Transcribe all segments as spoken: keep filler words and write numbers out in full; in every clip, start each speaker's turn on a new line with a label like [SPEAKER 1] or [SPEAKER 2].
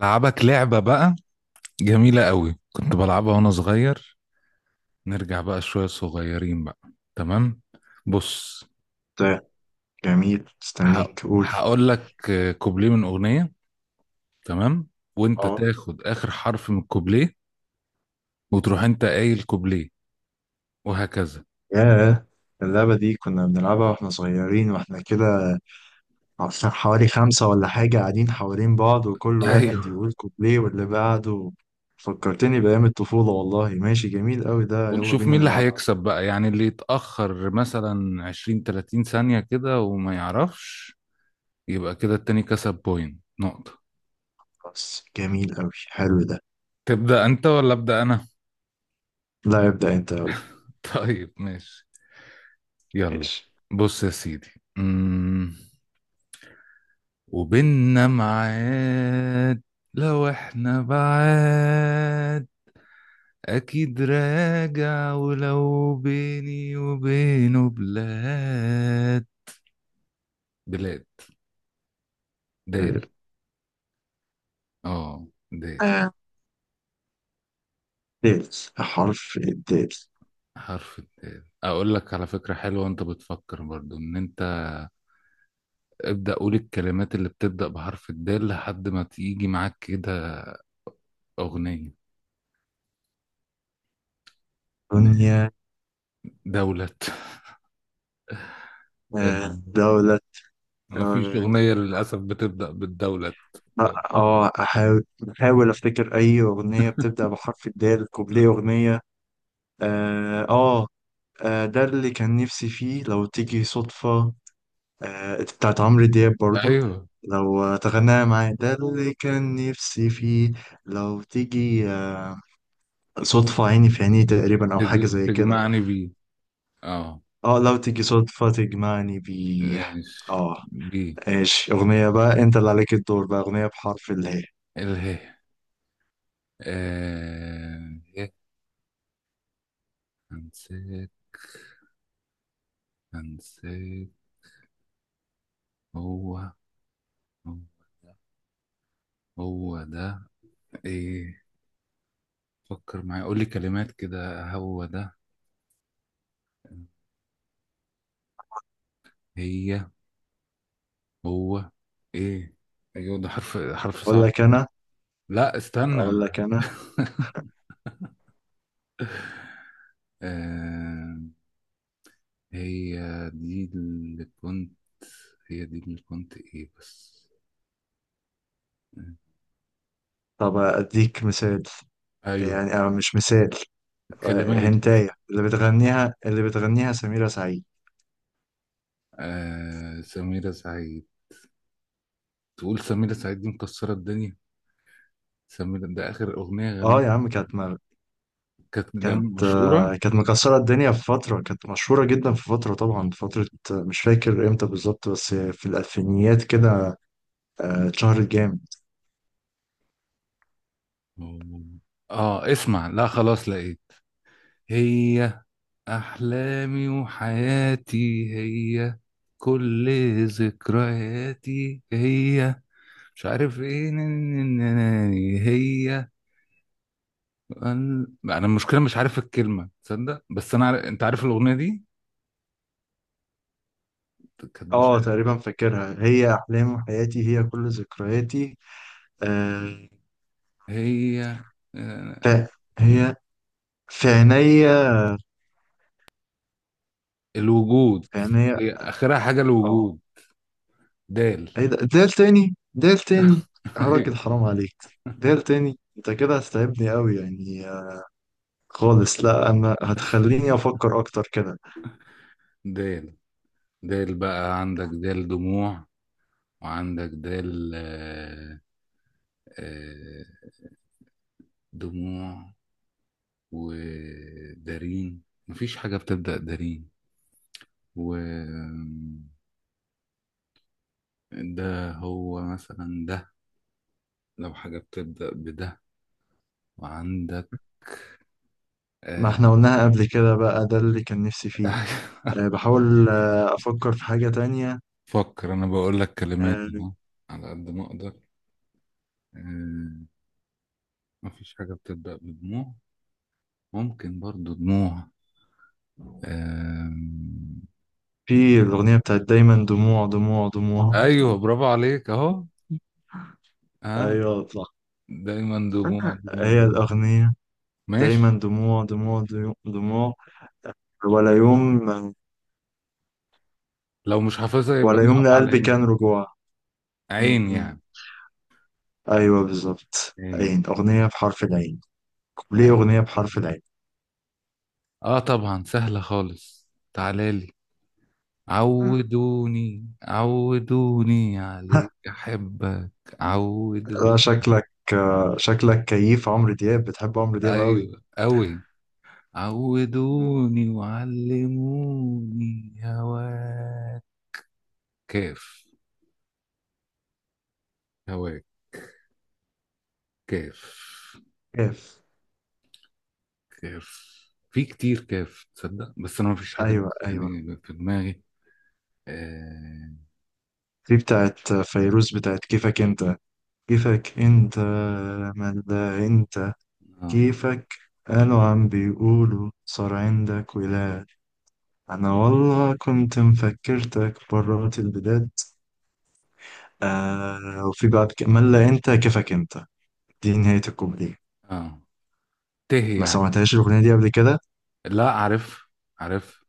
[SPEAKER 1] لعبك لعبة بقى جميلة قوي، كنت بلعبها وانا صغير. نرجع بقى شوية صغيرين بقى. تمام. بص،
[SPEAKER 2] طيب، جميل،
[SPEAKER 1] ه-
[SPEAKER 2] استنيك، قولي.
[SPEAKER 1] هقول لك آه، كوبليه من أغنية. تمام، وانت
[SPEAKER 2] اه.
[SPEAKER 1] تاخد آخر حرف من الكوبليه وتروح انت قايل كوبليه، وهكذا.
[SPEAKER 2] ياه. اللعبة دي كنا بنلعبها واحنا صغيرين واحنا كده، عشان حوالي خمسة ولا حاجة قاعدين حوالين بعض وكل واحد
[SPEAKER 1] ايوه.
[SPEAKER 2] يقول كوبليه واللي بعده. فكرتني بأيام الطفولة والله، ماشي، جميل قوي ده، يلا
[SPEAKER 1] ونشوف
[SPEAKER 2] بينا
[SPEAKER 1] مين اللي
[SPEAKER 2] نلعبها.
[SPEAKER 1] هيكسب بقى، يعني اللي يتأخر مثلا عشرين ثلاتين ثانية كده وما يعرفش، يبقى كده التاني كسب بوينت، نقطة.
[SPEAKER 2] خلاص، جميل قوي، حلو ده.
[SPEAKER 1] تبدأ انت ولا أبدأ انا؟
[SPEAKER 2] لا، ابدأ انت، يلا.
[SPEAKER 1] طيب ماشي، يلا.
[SPEAKER 2] ماشي.
[SPEAKER 1] بص يا سيدي. امم وبيننا ميعاد، لو احنا بعاد اكيد راجع، ولو بيني وبينه بلاد، بلاد. دال.
[SPEAKER 2] دال.
[SPEAKER 1] اه، دال،
[SPEAKER 2] آه. دال. حرف الدال.
[SPEAKER 1] حرف الدال. اقول لك على فكرة حلوة، وانت بتفكر برضو ان انت ابدأ قول الكلمات اللي بتبدأ بحرف الدال لحد ما تيجي معاك كده اغنية. د-
[SPEAKER 2] دنيا.
[SPEAKER 1] دولة.
[SPEAKER 2] آه. دولة.
[SPEAKER 1] ما فيش
[SPEAKER 2] آه،
[SPEAKER 1] أغنية للأسف بتبدأ بالدولة.
[SPEAKER 2] اه احاول. احاول افتكر اي اغنيه بتبدا بحرف الدال، كوبليه اغنيه. اه اه آه، ده اللي كان نفسي فيه لو تيجي صدفه. آه، بتاعت عمرو دياب برضو.
[SPEAKER 1] أيوه.
[SPEAKER 2] لو تغنيها معايا، ده اللي كان نفسي فيه. لو تيجي آه صدفه، عيني في عيني، تقريبا او حاجه
[SPEAKER 1] تج...
[SPEAKER 2] زي كده.
[SPEAKER 1] تجمعني بيه. اه،
[SPEAKER 2] اه. لو تيجي صدفه تجمعني بيه.
[SPEAKER 1] ماشي
[SPEAKER 2] اه.
[SPEAKER 1] بيه.
[SPEAKER 2] ايش اغنيه بقى، انت اللي عليك الدور بقى، اغنيه بحرف اللي هي.
[SPEAKER 1] اله. آه... إيه؟ هنسيت، هنسيت. هو هو ده، هو ده، ايه. فكر معايا، قول لي كلمات كده. هو ده، هي، هو، ايه. ايوه ده حرف حرف
[SPEAKER 2] اقول
[SPEAKER 1] صعب
[SPEAKER 2] لك
[SPEAKER 1] أوي.
[SPEAKER 2] انا
[SPEAKER 1] لا استنى.
[SPEAKER 2] اقول لك انا
[SPEAKER 1] آه... هي دي اللي كنت، هي دي اللي كنت ايه بس.
[SPEAKER 2] طب أديك مثال،
[SPEAKER 1] ايوه،
[SPEAKER 2] يعني أو مش مثال. آه،
[SPEAKER 1] الكلمات.
[SPEAKER 2] هنتاية اللي بتغنيها، اللي بتغنيها سميرة سعيد.
[SPEAKER 1] آه، سميرة سعيد. تقول سميرة سعيد دي مكسرة الدنيا. سميرة ده اخر اغنية
[SPEAKER 2] اه يا
[SPEAKER 1] غنتها،
[SPEAKER 2] عم، كانت مر...
[SPEAKER 1] كانت جام
[SPEAKER 2] كانت
[SPEAKER 1] مشهورة.
[SPEAKER 2] آه، كانت مكسرة الدنيا في فترة، كانت مشهورة جدا في فترة، طبعا في فترة، آه، مش فاكر امتى بالظبط، بس في الألفينيات كده. آه، اتشهرت جامد.
[SPEAKER 1] اه اسمع، لا خلاص لقيت. هي، احلامي وحياتي، هي كل ذكرياتي، هي مش عارف ايه، نن- نن- نن- هي. انا أنا المشكله مش عارف الكلمه، تصدق بس انا عارف... انت عارف الاغنيه دي، كانت مش
[SPEAKER 2] اه
[SPEAKER 1] عارف.
[SPEAKER 2] تقريبا فاكرها. هي أحلام حياتي، هي كل ذكرياتي آه،
[SPEAKER 1] هي،
[SPEAKER 2] ف-
[SPEAKER 1] آه،
[SPEAKER 2] هي في عينيا،
[SPEAKER 1] الوجود.
[SPEAKER 2] في عينيا.
[SPEAKER 1] هي اخرها حاجه
[SPEAKER 2] آه،
[SPEAKER 1] الوجود. دال.
[SPEAKER 2] ايه ده، دير تاني دير تاني. يا راجل
[SPEAKER 1] أيوة،
[SPEAKER 2] حرام عليك، دير تاني! انت كده هتتعبني قوي يعني آه، خالص. لا انا هتخليني افكر اكتر كده.
[SPEAKER 1] دال. دال بقى، عندك دال دموع، وعندك دال آه، آه، دموع ودارين. مفيش حاجه بتبدا دارين. و، ده هو مثلا ده، لو حاجه بتبدا بده. وعندك
[SPEAKER 2] ما
[SPEAKER 1] آه،
[SPEAKER 2] احنا قلناها قبل كده بقى، ده اللي كان نفسي فيه. أه بحاول آه، افكر في حاجة تانية.
[SPEAKER 1] فكر، انا بقول لك كلمات
[SPEAKER 2] أه،
[SPEAKER 1] اهو على قد ما اقدر. آه، مفيش حاجه بتبدا بدموع. ممكن برضو دموع. آه،
[SPEAKER 2] في الاغنية بتاعت دايما دموع دموع دموع.
[SPEAKER 1] ايوه برافو عليك اهو. ها،
[SPEAKER 2] ايوه صح،
[SPEAKER 1] دايما دموع دموع
[SPEAKER 2] هي
[SPEAKER 1] دموع.
[SPEAKER 2] الاغنية.
[SPEAKER 1] ماشي.
[SPEAKER 2] دايما دموع دموع دموع دموع، ولا يوم،
[SPEAKER 1] لو مش حافظها يبقى
[SPEAKER 2] ولا يوم
[SPEAKER 1] نقف على
[SPEAKER 2] لقلبي
[SPEAKER 1] عين.
[SPEAKER 2] كان رجوع. م-
[SPEAKER 1] عين
[SPEAKER 2] م.
[SPEAKER 1] يعني.
[SPEAKER 2] ايوه بالظبط،
[SPEAKER 1] عين.
[SPEAKER 2] عين. اغنيه بحرف العين. ليه
[SPEAKER 1] عين،
[SPEAKER 2] اغنيه بحرف العين؟
[SPEAKER 1] اه طبعا سهله خالص. تعالى لي،
[SPEAKER 2] مم.
[SPEAKER 1] عودوني عودوني عليك احبك.
[SPEAKER 2] لا
[SPEAKER 1] عودوني.
[SPEAKER 2] شكلك آه، شكلك كيف عمرو دياب، بتحب عمرو دياب قوي.
[SPEAKER 1] ايوه قوي.
[SPEAKER 2] مم.
[SPEAKER 1] عودوني وعلموني هواك. كاف. هواك. كاف.
[SPEAKER 2] كيف.
[SPEAKER 1] كاف. في كتير كاف تصدق، بس انا ما فيش حاجه دي
[SPEAKER 2] ايوه ايوه،
[SPEAKER 1] يعني في دماغي. اه.
[SPEAKER 2] دي بتاعت فيروز، بتاعت كيفك انت. كيفك انت من ده انت.
[SPEAKER 1] اه,
[SPEAKER 2] كيفك، قالوا عم بيقولوا صار عندك ولاد، انا والله كنت مفكرتك برات البلاد. آه، وفي بعد كمان، لا انت كيفك انت. دي نهاية الكوبليه.
[SPEAKER 1] آه. ته
[SPEAKER 2] ما
[SPEAKER 1] يعني.
[SPEAKER 2] سمعتهاش الأغنية دي قبل كده،
[SPEAKER 1] لا عارف، عارف.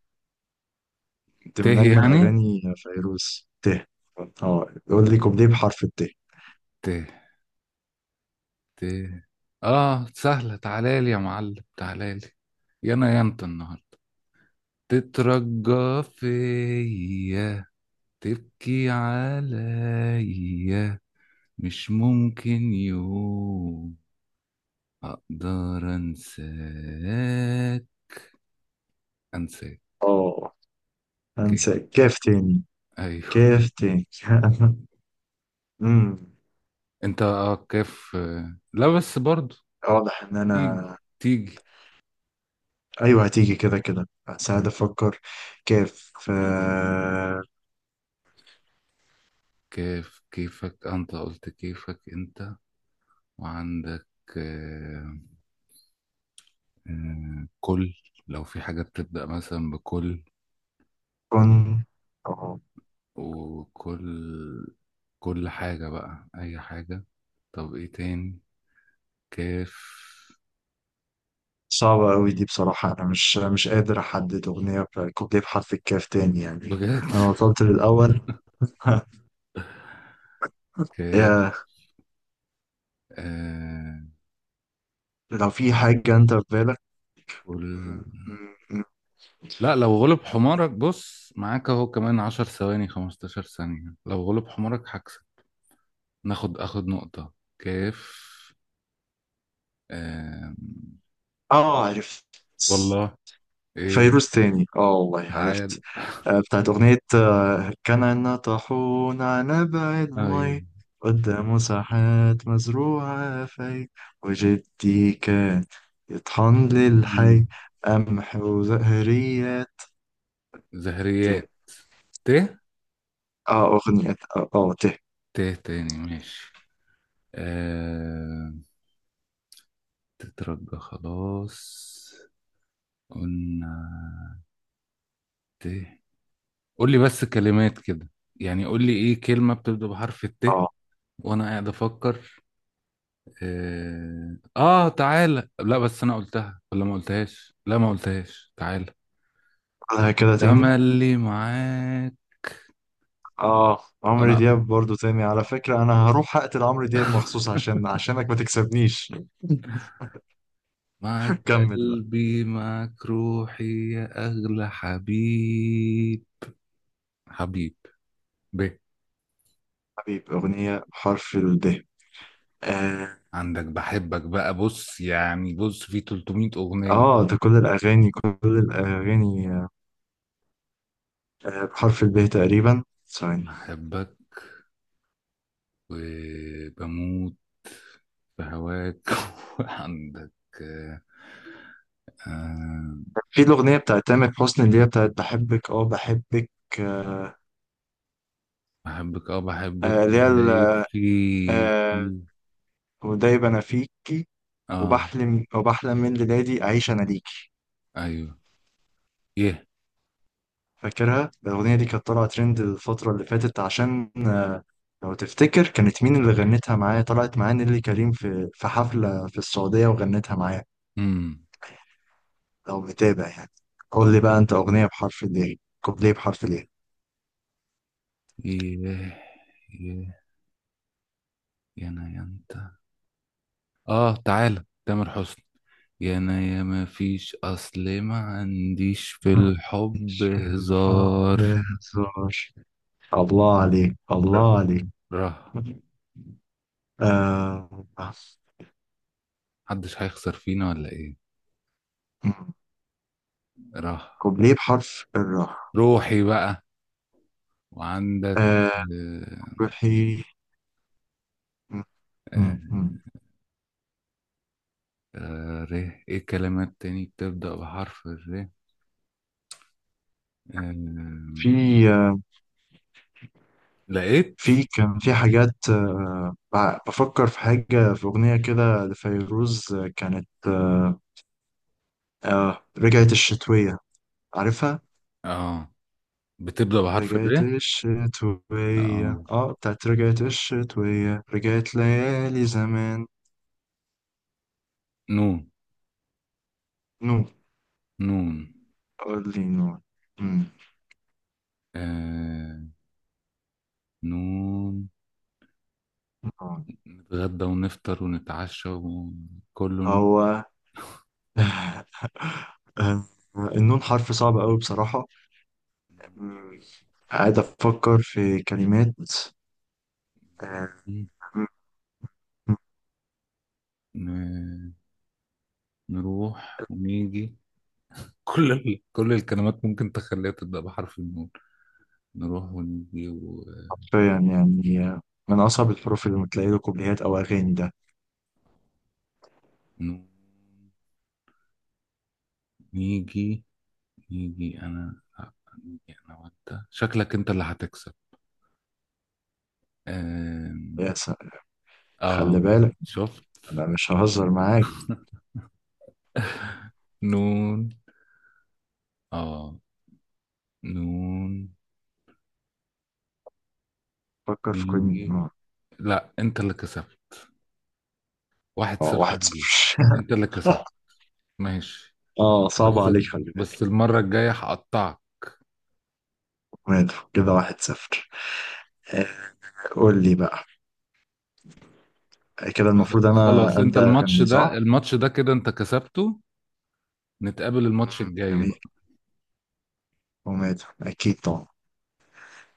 [SPEAKER 2] كنت
[SPEAKER 1] ته
[SPEAKER 2] من أجمل
[SPEAKER 1] يعني.
[SPEAKER 2] أغاني فيروز. ته. اه يقول لي كوبليه بحرف الت.
[SPEAKER 1] ته. ته. اه سهله. تعالى لي يا معلم، تعالى لي. يا انا يا انت النهارده، تترجى فيا، تبكي عليا، مش ممكن يوم أقدر أنساك، أنساك.
[SPEAKER 2] اه
[SPEAKER 1] كده.
[SPEAKER 2] أنسى، كاف تاني.
[SPEAKER 1] أيوه.
[SPEAKER 2] كاف تاني. امم
[SPEAKER 1] أنت آه كيف آه، لا بس برضو
[SPEAKER 2] واضح إن أنا.
[SPEAKER 1] تيجي تيجي.
[SPEAKER 2] أيوه هتيجي كده كده، بس قاعد أفكر. كاف آه،
[SPEAKER 1] كيف، كيفك أنت، قلت كيفك أنت. وعندك آه، آه، كل. لو في حاجة بتبدأ مثلا بكل،
[SPEAKER 2] كن. اه
[SPEAKER 1] وكل، كل حاجة بقى أي حاجة. طب إيه تاني؟ كيف.
[SPEAKER 2] صعبة أوي دي بصراحة، أنا مش مش قادر أحدد أغنية ب- كوبليه بحرف الكاف تاني يعني.
[SPEAKER 1] بجد.
[SPEAKER 2] أنا وصلت للأول. يا،
[SPEAKER 1] كيف. آه،
[SPEAKER 2] لو في حاجة أنت في
[SPEAKER 1] كل...
[SPEAKER 2] بالك.
[SPEAKER 1] لا لو غلب حمارك بص، معاك اهو كمان عشر ثواني، خمستاشر ثانية، لو غلب حمارك هكسب، ناخد اخد نقطة. كيف. آم...
[SPEAKER 2] اه عرفت،
[SPEAKER 1] والله. ايه.
[SPEAKER 2] فيروز تاني. اه والله
[SPEAKER 1] تعال.
[SPEAKER 2] عرفت. آه، بتاعت أغنية آه، كان عنا طاحون على بعيد
[SPEAKER 1] ايوه.
[SPEAKER 2] المي، قدامه ساحات مزروعة في، وجدي كان يطحن للحي
[SPEAKER 1] مم.
[SPEAKER 2] قمح وزهريات. ته.
[SPEAKER 1] زهريات. ت.
[SPEAKER 2] اه أغنية اه آه، ته.
[SPEAKER 1] ت تاني ماشي. آم... تترجى خلاص قلنا. ت. قول لي بس كلمات كده، يعني قول لي ايه كلمة بتبدأ بحرف الت،
[SPEAKER 2] اه
[SPEAKER 1] وانا قاعد افكر. اه، آه، تعالى. لا بس انا قلتها ولا ما قلتهاش؟ لا ما قلتهاش، تعالى.
[SPEAKER 2] قولها كده تاني.
[SPEAKER 1] تملي معاك.
[SPEAKER 2] اه، عمرو
[SPEAKER 1] انا.
[SPEAKER 2] دياب برضو تاني. على فكرة أنا هروح أقتل عمرو دياب مخصوص عشان عشانك ما تكسبنيش.
[SPEAKER 1] معاك.
[SPEAKER 2] كمل.
[SPEAKER 1] قلبي معاك، روحي يا اغلى حبيب. حبيب. ب.
[SPEAKER 2] حبيب. أغنية بحرف الب. آه,
[SPEAKER 1] عندك بحبك بقى، بص يعني، بص في تلت مية اغنية.
[SPEAKER 2] آه ده كل الأغاني، كل الأغاني آه بحرف الب تقريبا. ثواني.
[SPEAKER 1] بحبك. وبموت في هواك. وعندك آه، آه،
[SPEAKER 2] في الأغنية بتاعت تامر حسني اللي هي بتاعت بحبك. آه بحبك آه
[SPEAKER 1] بحبك. اه، بحبك
[SPEAKER 2] آه، اللي هي
[SPEAKER 1] وليل
[SPEAKER 2] ال-
[SPEAKER 1] في،
[SPEAKER 2] آه
[SPEAKER 1] في-
[SPEAKER 2] ودايب أنا فيكي،
[SPEAKER 1] اه.
[SPEAKER 2] وبحلم وبحلم من ليلادي أعيش أنا ليكي.
[SPEAKER 1] ايوه. يه.
[SPEAKER 2] فاكرها الأغنية دي، كانت طالعة ترند الفترة اللي فاتت عشان آه لو تفتكر، كانت مين اللي غنتها معايا؟ طلعت معايا نيللي كريم في في حفلة في السعودية وغنتها معايا،
[SPEAKER 1] امم
[SPEAKER 2] لو متابع يعني. قول
[SPEAKER 1] اوكي.
[SPEAKER 2] لي بقى انت اغنيه بحرف الايه. كوبليه بحرف الايه.
[SPEAKER 1] يه. يه. يا انا يا انت. اه، تعالى تامر حسني. يا انا يا، ما فيش، اصل ما عنديش في الحب
[SPEAKER 2] مش في الحرب
[SPEAKER 1] هزار.
[SPEAKER 2] هزار. الله عليك
[SPEAKER 1] ر-
[SPEAKER 2] الله عليك.
[SPEAKER 1] ره.
[SPEAKER 2] آه.
[SPEAKER 1] محدش هيخسر فينا ولا ايه؟ ره.
[SPEAKER 2] كوبليه بحرف الراء.
[SPEAKER 1] روحي بقى. وعندك
[SPEAKER 2] آه.
[SPEAKER 1] آه،
[SPEAKER 2] روحي. مم.
[SPEAKER 1] آه،
[SPEAKER 2] مم.
[SPEAKER 1] آه، ر. ايه الكلمات تاني بتبدأ بحرف الر؟
[SPEAKER 2] في
[SPEAKER 1] آه،
[SPEAKER 2] آه،
[SPEAKER 1] لقيت.
[SPEAKER 2] في كان في حاجات آه، بع- بفكر في حاجة في أغنية كده لفيروز، آه، كانت آه، آه، رجعت الشتوية، عارفها؟
[SPEAKER 1] اه، بتبدأ بحرف ب.
[SPEAKER 2] رجعت الشتوية،
[SPEAKER 1] اه.
[SPEAKER 2] اه بتاعت رجعت الشتوية، رجعت ليالي زمان.
[SPEAKER 1] نون.
[SPEAKER 2] نو،
[SPEAKER 1] نون.
[SPEAKER 2] قول لي نو. مم.
[SPEAKER 1] آه. نون.
[SPEAKER 2] نو.
[SPEAKER 1] نتغدى ونفطر ونتعشى، وكله نون.
[SPEAKER 2] هو. النون حرف صعب قوي بصراحة. مم. قاعد أفكر في كلمات آه، مم.
[SPEAKER 1] ن... نروح ونيجي. كل ال... كل الكلمات ممكن تخليها تبدأ بحرف النون. نروح ونيجي ونون.
[SPEAKER 2] حرفيا يعني آه، من أصعب الحروف اللي بتلاقي له كوبليهات أو أغاني ده.
[SPEAKER 1] نيجي. نيجي أنا، آه، نيجي أنا وأنت. شكلك أنت اللي هتكسب. آم،
[SPEAKER 2] يا سلام، خلي
[SPEAKER 1] آه.
[SPEAKER 2] بالك،
[SPEAKER 1] شفت.
[SPEAKER 2] أنا مش ههزر معاك.
[SPEAKER 1] نون. اه. نون.
[SPEAKER 2] فكر في كل
[SPEAKER 1] إيه. لا انت اللي كسبت، واحد
[SPEAKER 2] آه،
[SPEAKER 1] صفر
[SPEAKER 2] واحد صفر.
[SPEAKER 1] ليه، انت اللي كسبت. ماشي.
[SPEAKER 2] اه صعب
[SPEAKER 1] بس،
[SPEAKER 2] عليك، خلي بالك.
[SPEAKER 1] بس المرة الجاية هقطعك.
[SPEAKER 2] مات كده، واحد صفر. آه، قول لي بقى، كده المفروض انا
[SPEAKER 1] خلاص انت
[SPEAKER 2] ابدا
[SPEAKER 1] الماتش
[SPEAKER 2] اغني
[SPEAKER 1] ده،
[SPEAKER 2] صح.
[SPEAKER 1] الماتش ده كده انت كسبته. نتقابل الماتش الجاي.
[SPEAKER 2] جميل. ومات اكيد طبعا.